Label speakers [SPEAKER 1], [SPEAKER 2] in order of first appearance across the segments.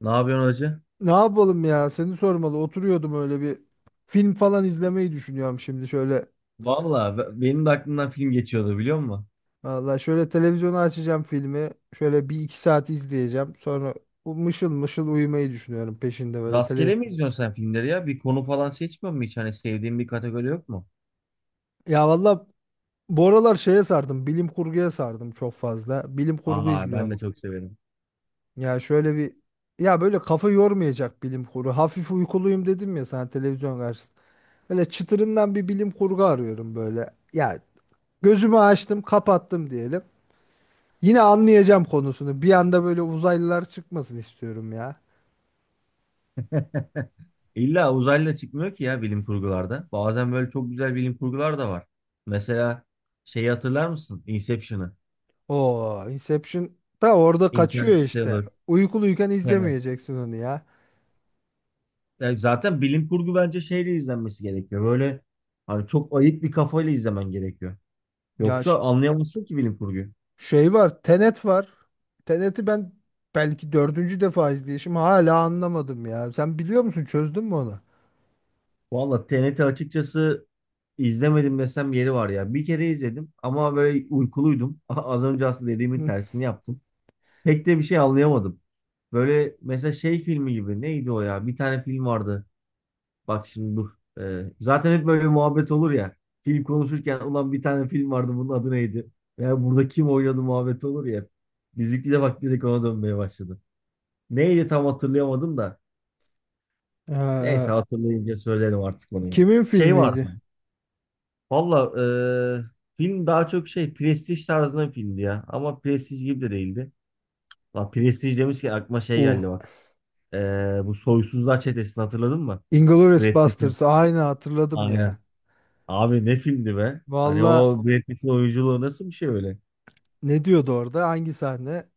[SPEAKER 1] Ne yapıyorsun hacı?
[SPEAKER 2] Ne yapalım ya? Seni sormalı. Oturuyordum öyle bir film falan izlemeyi düşünüyorum şimdi şöyle.
[SPEAKER 1] Valla benim de aklımdan film geçiyordu biliyor musun?
[SPEAKER 2] Valla şöyle televizyonu açacağım filmi. Şöyle bir iki saat izleyeceğim. Sonra mışıl mışıl uyumayı düşünüyorum peşinde böyle tele.
[SPEAKER 1] Rastgele mi izliyorsun sen filmleri ya? Bir konu falan seçmiyor musun hiç? Hani sevdiğin bir kategori yok mu?
[SPEAKER 2] Ya valla bu aralar şeye sardım. Bilim kurguya sardım çok fazla. Bilim kurgu
[SPEAKER 1] Aa ben
[SPEAKER 2] izliyorum.
[SPEAKER 1] de çok severim.
[SPEAKER 2] Ya şöyle bir ya böyle kafa yormayacak bilim kurgu. Hafif uykuluyum dedim ya sana televizyon karşısında. Böyle çıtırından bir bilim kurgu arıyorum böyle. Ya gözümü açtım, kapattım diyelim. Yine anlayacağım konusunu. Bir anda böyle uzaylılar çıkmasın istiyorum ya.
[SPEAKER 1] İlla uzaylı da çıkmıyor ki ya bilim kurgularda. Bazen böyle çok güzel bilim kurgular da var. Mesela şeyi hatırlar mısın? Inception'ı.
[SPEAKER 2] O, Inception da orada kaçıyor işte.
[SPEAKER 1] Interstellar.
[SPEAKER 2] Uykuluyken
[SPEAKER 1] Tenet.
[SPEAKER 2] izlemeyeceksin onu ya.
[SPEAKER 1] Yani zaten bilim kurgu bence şeyle izlenmesi gerekiyor. Böyle hani çok ayık bir kafayla izlemen gerekiyor.
[SPEAKER 2] Ya
[SPEAKER 1] Yoksa
[SPEAKER 2] ş-
[SPEAKER 1] anlayamazsın ki bilim kurguyu.
[SPEAKER 2] Şey var, Tenet var. Tenet'i ben belki dördüncü defa izleyişim hala anlamadım ya. Sen biliyor musun? Çözdün mü onu?
[SPEAKER 1] Valla TNT açıkçası izlemedim desem yeri var ya. Bir kere izledim ama böyle uykuluydum. Az önce aslında dediğimin
[SPEAKER 2] Hı.
[SPEAKER 1] tersini yaptım. Pek de bir şey anlayamadım. Böyle mesela şey filmi gibi neydi o ya? Bir tane film vardı. Bak şimdi dur. Zaten hep böyle muhabbet olur ya. Film konuşurken ulan bir tane film vardı bunun adı neydi? Ya burada kim oynadı muhabbet olur ya. Bizimki de bak direkt ona dönmeye başladı. Neydi tam hatırlayamadım da. Neyse
[SPEAKER 2] Ee,
[SPEAKER 1] hatırlayınca söylerim artık onu ya.
[SPEAKER 2] Kimin
[SPEAKER 1] Şey
[SPEAKER 2] filmiydi?
[SPEAKER 1] vardı. Valla e, film daha çok şey prestij tarzında bir filmdi ya. Ama prestij gibi de değildi. La prestij demiş ki aklıma şey
[SPEAKER 2] Uh,
[SPEAKER 1] geldi bak. E, bu Soysuzlar Çetesi'ni hatırladın mı?
[SPEAKER 2] Inglourious
[SPEAKER 1] Brad Pitt'e.
[SPEAKER 2] Basterds. Aynı hatırladım ya.
[SPEAKER 1] Aynen. Abi ne filmdi be? Hani
[SPEAKER 2] Valla
[SPEAKER 1] o Brad Pitt'in oyunculuğu nasıl bir şey öyle?
[SPEAKER 2] ne diyordu orada? Hangi sahne?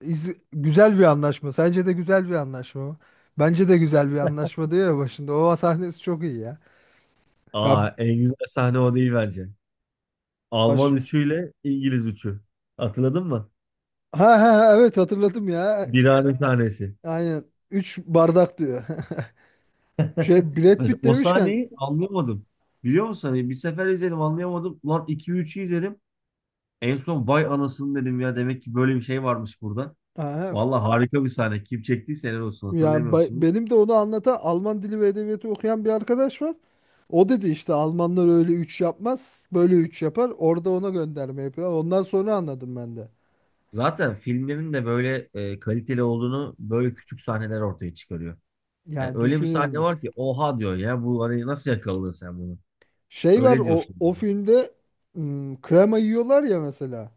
[SPEAKER 2] Güzel bir anlaşma. Sence de güzel bir anlaşma mı? Bence de güzel bir anlaşma diyor ya başında. O sahnesi çok iyi ya. Ya
[SPEAKER 1] Aa en güzel sahne o değil bence.
[SPEAKER 2] baş...
[SPEAKER 1] Alman üçüyle İngiliz üçü. Hatırladın mı?
[SPEAKER 2] Ha ha ha, evet hatırladım ya.
[SPEAKER 1] Birane sahnesi.
[SPEAKER 2] Aynen. Üç bardak diyor. Şey Brad
[SPEAKER 1] Mesela
[SPEAKER 2] Pitt
[SPEAKER 1] o
[SPEAKER 2] demişken
[SPEAKER 1] sahneyi anlayamadım. Biliyor musun? Hani bir sefer izledim anlayamadım. Lan iki 3ü izledim. En son vay anasını dedim ya demek ki böyle bir şey varmış burada.
[SPEAKER 2] ha, ha,
[SPEAKER 1] Vallahi harika bir sahne. Kim çektiyse helal olsun
[SPEAKER 2] ya
[SPEAKER 1] hatırlayamıyorum şimdi.
[SPEAKER 2] benim de onu anlatan Alman dili ve edebiyatı okuyan bir arkadaş var. O dedi işte Almanlar öyle 3 yapmaz. Böyle 3 yapar. Orada ona gönderme yapıyor. Ondan sonra anladım ben de.
[SPEAKER 1] Zaten filmlerin de böyle kaliteli olduğunu böyle küçük sahneler ortaya çıkarıyor. Yani
[SPEAKER 2] Yani
[SPEAKER 1] öyle bir sahne
[SPEAKER 2] düşünülmüş.
[SPEAKER 1] var ki oha diyor ya bu hani nasıl yakaladın sen bunu?
[SPEAKER 2] Şey var
[SPEAKER 1] Öyle
[SPEAKER 2] o
[SPEAKER 1] diyorsun
[SPEAKER 2] o
[SPEAKER 1] yani.
[SPEAKER 2] filmde krema yiyorlar ya mesela.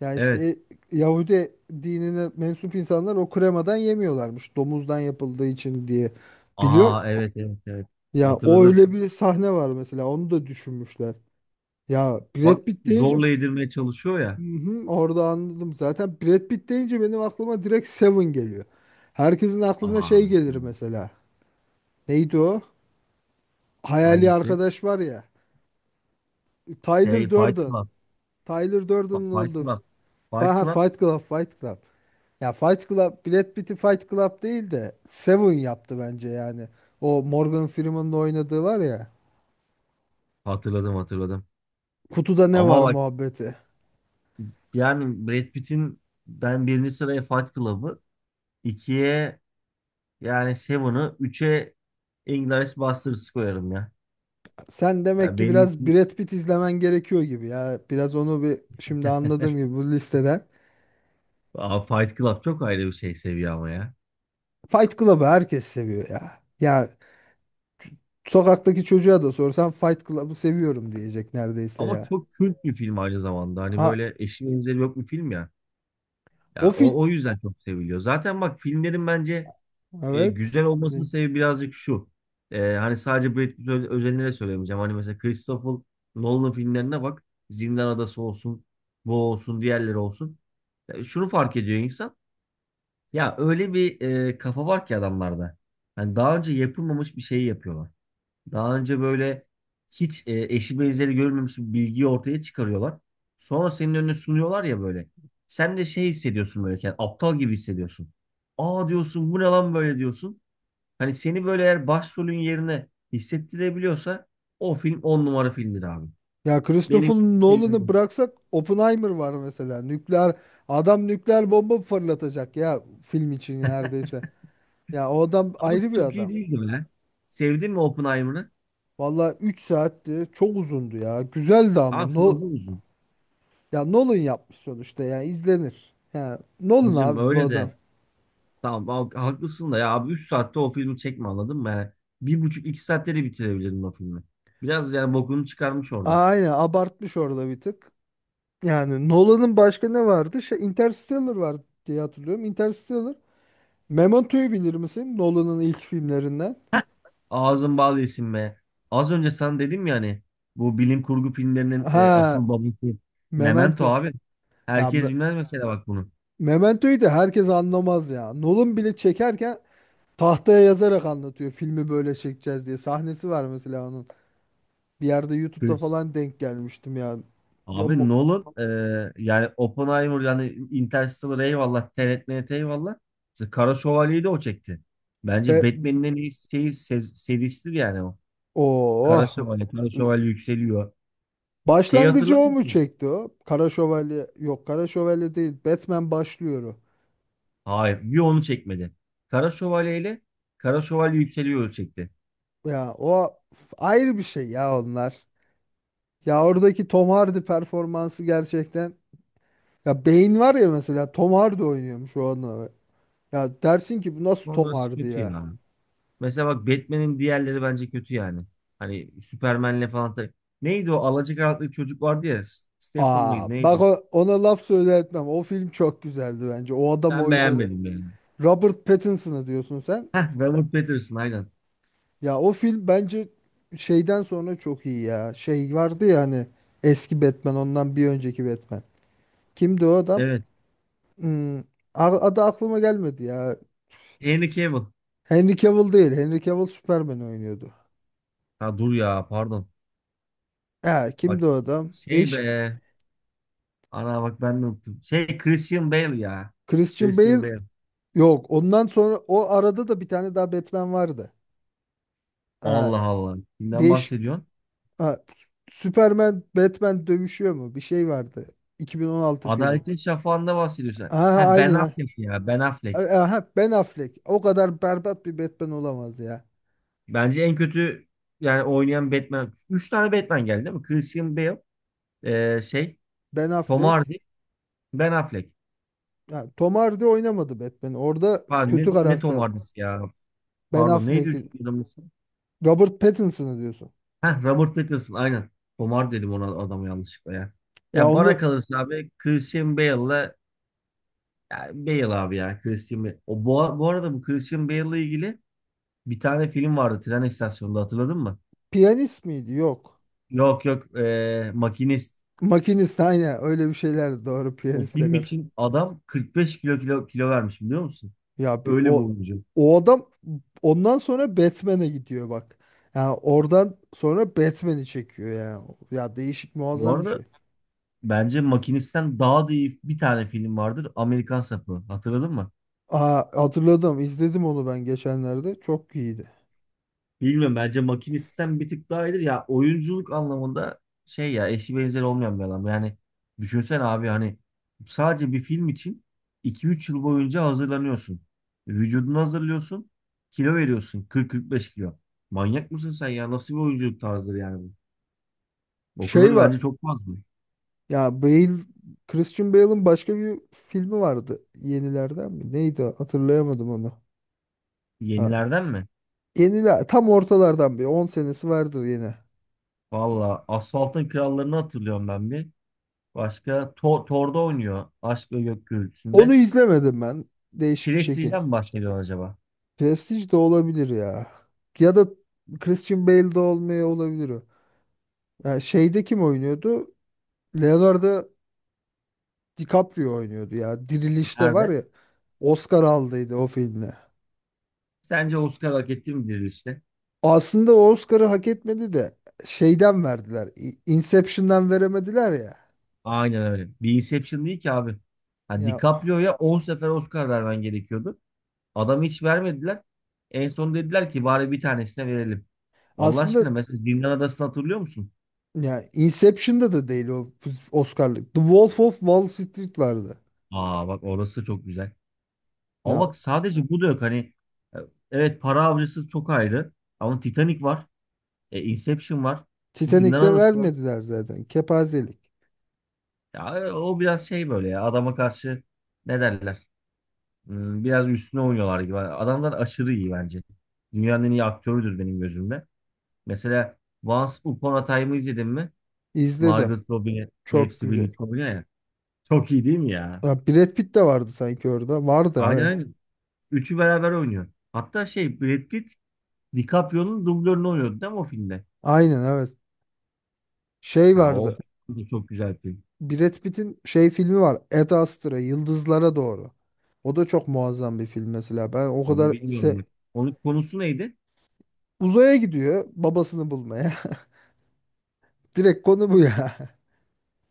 [SPEAKER 2] Yani işte
[SPEAKER 1] Evet.
[SPEAKER 2] Yahudi dinine mensup insanlar o kremadan yemiyorlarmış. Domuzdan yapıldığı için diye
[SPEAKER 1] Aa
[SPEAKER 2] biliyorum.
[SPEAKER 1] evet evet evet.
[SPEAKER 2] Ya o
[SPEAKER 1] Hatırladım.
[SPEAKER 2] öyle bir sahne var mesela. Onu da düşünmüşler. Ya Brad
[SPEAKER 1] Bak
[SPEAKER 2] Pitt deyince
[SPEAKER 1] zorla yedirmeye çalışıyor
[SPEAKER 2] hı
[SPEAKER 1] ya.
[SPEAKER 2] hı, orada anladım. Zaten Brad Pitt deyince benim aklıma direkt Seven geliyor. Herkesin aklına
[SPEAKER 1] Aa
[SPEAKER 2] şey gelir
[SPEAKER 1] evet.
[SPEAKER 2] mesela. Neydi o? Hayali
[SPEAKER 1] Hangisi?
[SPEAKER 2] arkadaş var ya.
[SPEAKER 1] Şey
[SPEAKER 2] Tyler
[SPEAKER 1] Fight
[SPEAKER 2] Durden.
[SPEAKER 1] Club.
[SPEAKER 2] Tyler
[SPEAKER 1] Fa-
[SPEAKER 2] Durden'ın
[SPEAKER 1] Fight
[SPEAKER 2] oldu.
[SPEAKER 1] Club. Fight Club.
[SPEAKER 2] Fight Club, Fight Club. Ya Fight Club, Brad Pitt'i Fight Club değil de Seven yaptı bence yani. O Morgan Freeman'ın oynadığı var ya.
[SPEAKER 1] Hatırladım hatırladım.
[SPEAKER 2] Kutuda ne var
[SPEAKER 1] Ama bak.
[SPEAKER 2] muhabbeti.
[SPEAKER 1] Yani Brad Pitt'in ben birinci sıraya Fight Club'ı, ikiye yani Seven'ı, üçe Inglourious Basterds'ı koyarım ya.
[SPEAKER 2] Sen demek
[SPEAKER 1] Ya
[SPEAKER 2] ki
[SPEAKER 1] benim
[SPEAKER 2] biraz Brad Pitt izlemen gerekiyor gibi ya. Biraz onu bir şimdi anladığım gibi bu listeden.
[SPEAKER 1] Aa, Fight Club çok ayrı bir şey seviye ama ya.
[SPEAKER 2] Fight Club'ı herkes seviyor ya. Ya sokaktaki çocuğa da sorsan Fight Club'ı seviyorum diyecek neredeyse
[SPEAKER 1] Ama
[SPEAKER 2] ya.
[SPEAKER 1] çok kült bir film aynı zamanda. Hani
[SPEAKER 2] Ha,
[SPEAKER 1] böyle eşi benzeri yok bir film ya.
[SPEAKER 2] o
[SPEAKER 1] Ya o,
[SPEAKER 2] film.
[SPEAKER 1] o yüzden çok seviliyor. Zaten bak filmlerin bence
[SPEAKER 2] Evet.
[SPEAKER 1] güzel olmasının sebebi birazcık şu. Hani sadece Brad Pitt özelinde de söylemeyeceğim. Hani mesela Christopher Nolan filmlerine bak. Zindan Adası olsun, bu olsun, diğerleri olsun. Şunu fark ediyor insan. Ya öyle bir kafa var ki adamlarda. Hani daha önce yapılmamış bir şeyi yapıyorlar. Daha önce böyle hiç eşi benzeri görülmemiş bir bilgiyi ortaya çıkarıyorlar. Sonra senin önüne sunuyorlar ya böyle. Sen de şey hissediyorsun böyle. Yani aptal gibi hissediyorsun. Aa diyorsun bu ne lan böyle diyorsun. Hani seni böyle eğer başrolün yerine hissettirebiliyorsa o film on numara filmdir abi.
[SPEAKER 2] Ya
[SPEAKER 1] Benim
[SPEAKER 2] Christopher
[SPEAKER 1] sevdiğim o.
[SPEAKER 2] Nolan'ı bıraksak Oppenheimer var mesela. Nükleer adam nükleer bomba fırlatacak ya film için neredeyse. Ya o adam
[SPEAKER 1] Ama
[SPEAKER 2] ayrı bir
[SPEAKER 1] çok iyi
[SPEAKER 2] adam.
[SPEAKER 1] değildi be. Sevdin mi Oppenheimer'ı?
[SPEAKER 2] Vallahi 3 saatti. Çok uzundu ya. Güzeldi ama.
[SPEAKER 1] Abi
[SPEAKER 2] No,
[SPEAKER 1] fazla uzun.
[SPEAKER 2] Ya Nolan yapmış sonuçta ya izlenir. Ya Nolan
[SPEAKER 1] Hacım
[SPEAKER 2] abi bu
[SPEAKER 1] öyle
[SPEAKER 2] adam.
[SPEAKER 1] de. Tamam abi, haklısın da ya abi 3 saatte o filmi çekme anladın mı? Yani bir buçuk iki saatte de bitirebilirdin o filmi. Biraz yani bokunu çıkarmış orada.
[SPEAKER 2] Aynen abartmış orada bir tık. Yani Nolan'ın başka ne vardı? Şey Interstellar vardı diye hatırlıyorum. Interstellar. Memento'yu bilir misin? Nolan'ın ilk filmlerinden.
[SPEAKER 1] Ağzın bal yesin be. Az önce sen dedim ya hani bu bilim kurgu filmlerinin
[SPEAKER 2] Ha,
[SPEAKER 1] asıl babası Memento
[SPEAKER 2] Memento.
[SPEAKER 1] abi.
[SPEAKER 2] Ya
[SPEAKER 1] Herkes
[SPEAKER 2] Me-
[SPEAKER 1] bilmez mesela bak bunu.
[SPEAKER 2] Memento'yu da herkes anlamaz ya. Nolan bile çekerken tahtaya yazarak anlatıyor filmi böyle çekeceğiz diye. Sahnesi var mesela onun. Bir yerde YouTube'da falan denk gelmiştim ya. Ya
[SPEAKER 1] Abi
[SPEAKER 2] mu-
[SPEAKER 1] Nolan yani Oppenheimer yani Interstellar eyvallah. Tenet eyvallah. İşte Kara Şövalye'yi de o çekti.
[SPEAKER 2] Be
[SPEAKER 1] Bence Batman'in en iyi şeyi, serisidir yani o. Kara
[SPEAKER 2] oh.
[SPEAKER 1] Şövalye. Kara Şövalye yükseliyor. Şeyi
[SPEAKER 2] Başlangıcı
[SPEAKER 1] hatırlar
[SPEAKER 2] o mu
[SPEAKER 1] mısın?
[SPEAKER 2] çekti o? Kara Şövalye yok Kara Şövalye değil. Batman başlıyor o.
[SPEAKER 1] Hayır. Bir onu çekmedi. Kara Şövalye ile Kara Şövalye yükseliyor çekti.
[SPEAKER 2] Ya o ayrı bir şey ya onlar. Ya oradaki Tom Hardy performansı gerçekten ya beyin var ya mesela Tom Hardy oynuyormuş o an. Ya dersin ki bu nasıl Tom
[SPEAKER 1] Onları
[SPEAKER 2] Hardy
[SPEAKER 1] kötü
[SPEAKER 2] ya?
[SPEAKER 1] yani. Mesela bak Batman'in diğerleri bence kötü yani. Hani Superman'le falan. Neydi o alacakaranlık çocuk vardı ya. Stephen mıydı
[SPEAKER 2] Aa bak
[SPEAKER 1] neydi?
[SPEAKER 2] ona laf söyle etmem. O film çok güzeldi bence. O adam
[SPEAKER 1] Ben
[SPEAKER 2] oynadı.
[SPEAKER 1] beğenmedim yani.
[SPEAKER 2] Robert Pattinson'a diyorsun sen.
[SPEAKER 1] Heh, Robert Pattinson aynen.
[SPEAKER 2] Ya o film bence şeyden sonra çok iyi ya. Şey vardı ya hani eski Batman ondan bir önceki Batman. Kimdi o adam?
[SPEAKER 1] Evet.
[SPEAKER 2] Hmm, Adı aklıma gelmedi ya.
[SPEAKER 1] Henry Cavill.
[SPEAKER 2] Henry Cavill değil. Henry Cavill Superman oynuyordu.
[SPEAKER 1] Ha dur ya pardon.
[SPEAKER 2] Ha, kimdi
[SPEAKER 1] Bak
[SPEAKER 2] o adam?
[SPEAKER 1] şey
[SPEAKER 2] Değişik.
[SPEAKER 1] be. Ana bak ben de unuttum. Şey Christian Bale ya.
[SPEAKER 2] Christian Bale
[SPEAKER 1] Christian Bale.
[SPEAKER 2] yok. Ondan sonra o arada da bir tane daha Batman vardı.
[SPEAKER 1] Allah Allah. Kimden
[SPEAKER 2] Değişik.
[SPEAKER 1] bahsediyorsun?
[SPEAKER 2] Ha, Superman, Batman dövüşüyor mu? Bir şey vardı. 2016 filmi.
[SPEAKER 1] Adaletin Şafağı'nda bahsediyorsun.
[SPEAKER 2] Aha
[SPEAKER 1] Ha Ben
[SPEAKER 2] aynen. Ha.
[SPEAKER 1] Affleck ya. Ben Affleck.
[SPEAKER 2] Aha Ben Affleck. O kadar berbat bir Batman olamaz ya.
[SPEAKER 1] Bence en kötü yani oynayan Batman. Üç tane Batman geldi değil mi? Christian Bale. Şey.
[SPEAKER 2] Ben
[SPEAKER 1] Tom
[SPEAKER 2] Affleck.
[SPEAKER 1] Hardy. Ben Affleck.
[SPEAKER 2] Ya, Tom Hardy oynamadı Batman. Orada
[SPEAKER 1] Pardon, ne,
[SPEAKER 2] kötü
[SPEAKER 1] ne Tom
[SPEAKER 2] karakter.
[SPEAKER 1] Hardy'si ya?
[SPEAKER 2] Ben
[SPEAKER 1] Pardon neydi
[SPEAKER 2] Affleck'i.
[SPEAKER 1] üçüncü adamın ismi?
[SPEAKER 2] Robert Pattinson'ı diyorsun.
[SPEAKER 1] Heh, Robert Pattinson aynen. Komar dedim ona adamı yanlışlıkla ya.
[SPEAKER 2] Ya
[SPEAKER 1] Ya bana
[SPEAKER 2] onu
[SPEAKER 1] kalırsa abi Christian Bale'la ya Bale abi ya Christian Bale. Bu arada bu Christian Bale'la ilgili bir tane film vardı tren istasyonunda hatırladın mı?
[SPEAKER 2] piyanist miydi? Yok.
[SPEAKER 1] Yok yok Makinist.
[SPEAKER 2] Makinist aynen öyle bir şeyler doğru
[SPEAKER 1] O
[SPEAKER 2] piyanistle
[SPEAKER 1] film
[SPEAKER 2] kar.
[SPEAKER 1] için adam 45 kilo vermiş biliyor musun?
[SPEAKER 2] Ya bir
[SPEAKER 1] Öyle bir
[SPEAKER 2] o
[SPEAKER 1] oyuncu.
[SPEAKER 2] o adam ondan sonra Batman'e gidiyor bak. Yani oradan sonra Batman'i çekiyor ya. Ya değişik
[SPEAKER 1] Bu
[SPEAKER 2] muazzam bir şey.
[SPEAKER 1] arada bence Makinist'ten daha da iyi bir tane film vardır. Amerikan Sapı. Hatırladın mı?
[SPEAKER 2] Aa, hatırladım izledim onu ben geçenlerde. Çok iyiydi.
[SPEAKER 1] Bilmiyorum bence makine sistem bir tık daha iyidir. Ya oyunculuk anlamında şey ya eşi benzeri olmayan bir adam. Yani düşünsen abi hani sadece bir film için iki üç yıl boyunca hazırlanıyorsun. Vücudunu hazırlıyorsun. Kilo veriyorsun. Kırk beş kilo. Manyak mısın sen ya? Nasıl bir oyunculuk tarzıdır yani bu? O
[SPEAKER 2] Şey
[SPEAKER 1] kadar
[SPEAKER 2] var
[SPEAKER 1] bence çok fazla.
[SPEAKER 2] ya Christian Bale'ın başka bir filmi vardı yenilerden mi? Neydi o? Hatırlayamadım onu. Ha,
[SPEAKER 1] Yenilerden mi?
[SPEAKER 2] Yeniler tam ortalardan bir 10 senesi vardır yine. Ha,
[SPEAKER 1] Valla Asfalt'ın Krallarını hatırlıyorum ben bir. Başka Tor Tor'da oynuyor. Aşk ve Gök
[SPEAKER 2] Onu
[SPEAKER 1] Gürültüsü'nde.
[SPEAKER 2] izlemedim ben. Değişik bir şekil.
[SPEAKER 1] Prestige'den mi bahsediyorsun acaba?
[SPEAKER 2] Prestige de olabilir ya. Ya da Christian Bale de olmaya olabilir o. Ya şeyde kim oynuyordu? Leonardo DiCaprio oynuyordu ya. Dirilişte var
[SPEAKER 1] Nerede?
[SPEAKER 2] ya. Oscar aldıydı o filmle.
[SPEAKER 1] Sence Oscar hak etti midir işte?
[SPEAKER 2] Aslında o Oscar'ı hak etmedi de şeyden verdiler. Inception'dan veremediler ya.
[SPEAKER 1] Aynen öyle. Bir Inception değil ki abi. Ha,
[SPEAKER 2] Ya
[SPEAKER 1] DiCaprio'ya 10 sefer Oscar vermen gerekiyordu. Adam hiç vermediler. En son dediler ki bari bir tanesine verelim. Allah
[SPEAKER 2] aslında
[SPEAKER 1] aşkına mesela Zindan Adası'nı hatırlıyor musun?
[SPEAKER 2] ya Inception'da da değil o Oscar'lık. The Wolf of Wall Street vardı.
[SPEAKER 1] Aa bak orası çok güzel. Ama
[SPEAKER 2] Ya
[SPEAKER 1] bak sadece bu da yok. Hani e, evet para avcısı çok ayrı. Ama Titanic var. Inception var. Zindan
[SPEAKER 2] Titanic'te
[SPEAKER 1] Adası var.
[SPEAKER 2] vermediler zaten. Kepazelik.
[SPEAKER 1] Ya, o biraz şey böyle ya adama karşı ne derler? Biraz üstüne oynuyorlar gibi. Adamlar aşırı iyi bence. Dünyanın en iyi aktörüdür benim gözümde. Mesela Once Upon a Time'ı izledin mi?
[SPEAKER 2] İzledim.
[SPEAKER 1] Margot Robbie
[SPEAKER 2] Çok
[SPEAKER 1] hepsi
[SPEAKER 2] güzel.
[SPEAKER 1] birlikte oynuyor ya. Çok iyi değil mi ya?
[SPEAKER 2] Ya Brad Pitt de vardı sanki orada. Vardı
[SPEAKER 1] Aynen
[SPEAKER 2] evet.
[SPEAKER 1] aynen. Üçü beraber oynuyor. Hatta şey Brad Pitt DiCaprio'nun dublörünü oynuyordu değil mi o filmde?
[SPEAKER 2] Aynen evet. Şey
[SPEAKER 1] Ha, o
[SPEAKER 2] vardı.
[SPEAKER 1] film de çok güzel film.
[SPEAKER 2] Brad Pitt'in şey filmi var. Ad Astra Yıldızlara Doğru. O da çok muazzam bir film mesela. Ben o
[SPEAKER 1] Onu
[SPEAKER 2] kadar
[SPEAKER 1] bilmiyorum bak. Onun konusu neydi?
[SPEAKER 2] Uzaya gidiyor babasını bulmaya. Direkt konu bu ya.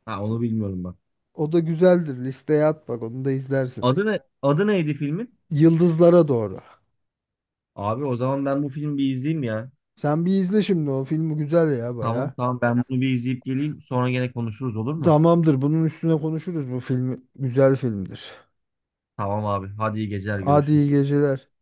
[SPEAKER 1] Ha onu bilmiyorum bak.
[SPEAKER 2] O da güzeldir. Listeye at bak onu da izlersin.
[SPEAKER 1] Adı ne? Adı neydi filmin?
[SPEAKER 2] Yıldızlara doğru.
[SPEAKER 1] Abi o zaman ben bu filmi bir izleyeyim ya.
[SPEAKER 2] Sen bir izle şimdi o filmi güzel ya
[SPEAKER 1] Tamam
[SPEAKER 2] baya.
[SPEAKER 1] tamam ben bunu bir izleyip geleyim. Sonra gene konuşuruz olur mu?
[SPEAKER 2] Tamamdır bunun üstüne konuşuruz bu filmi. Güzel filmdir.
[SPEAKER 1] Tamam abi. Hadi iyi geceler
[SPEAKER 2] Hadi iyi
[SPEAKER 1] görüşürüz.
[SPEAKER 2] geceler.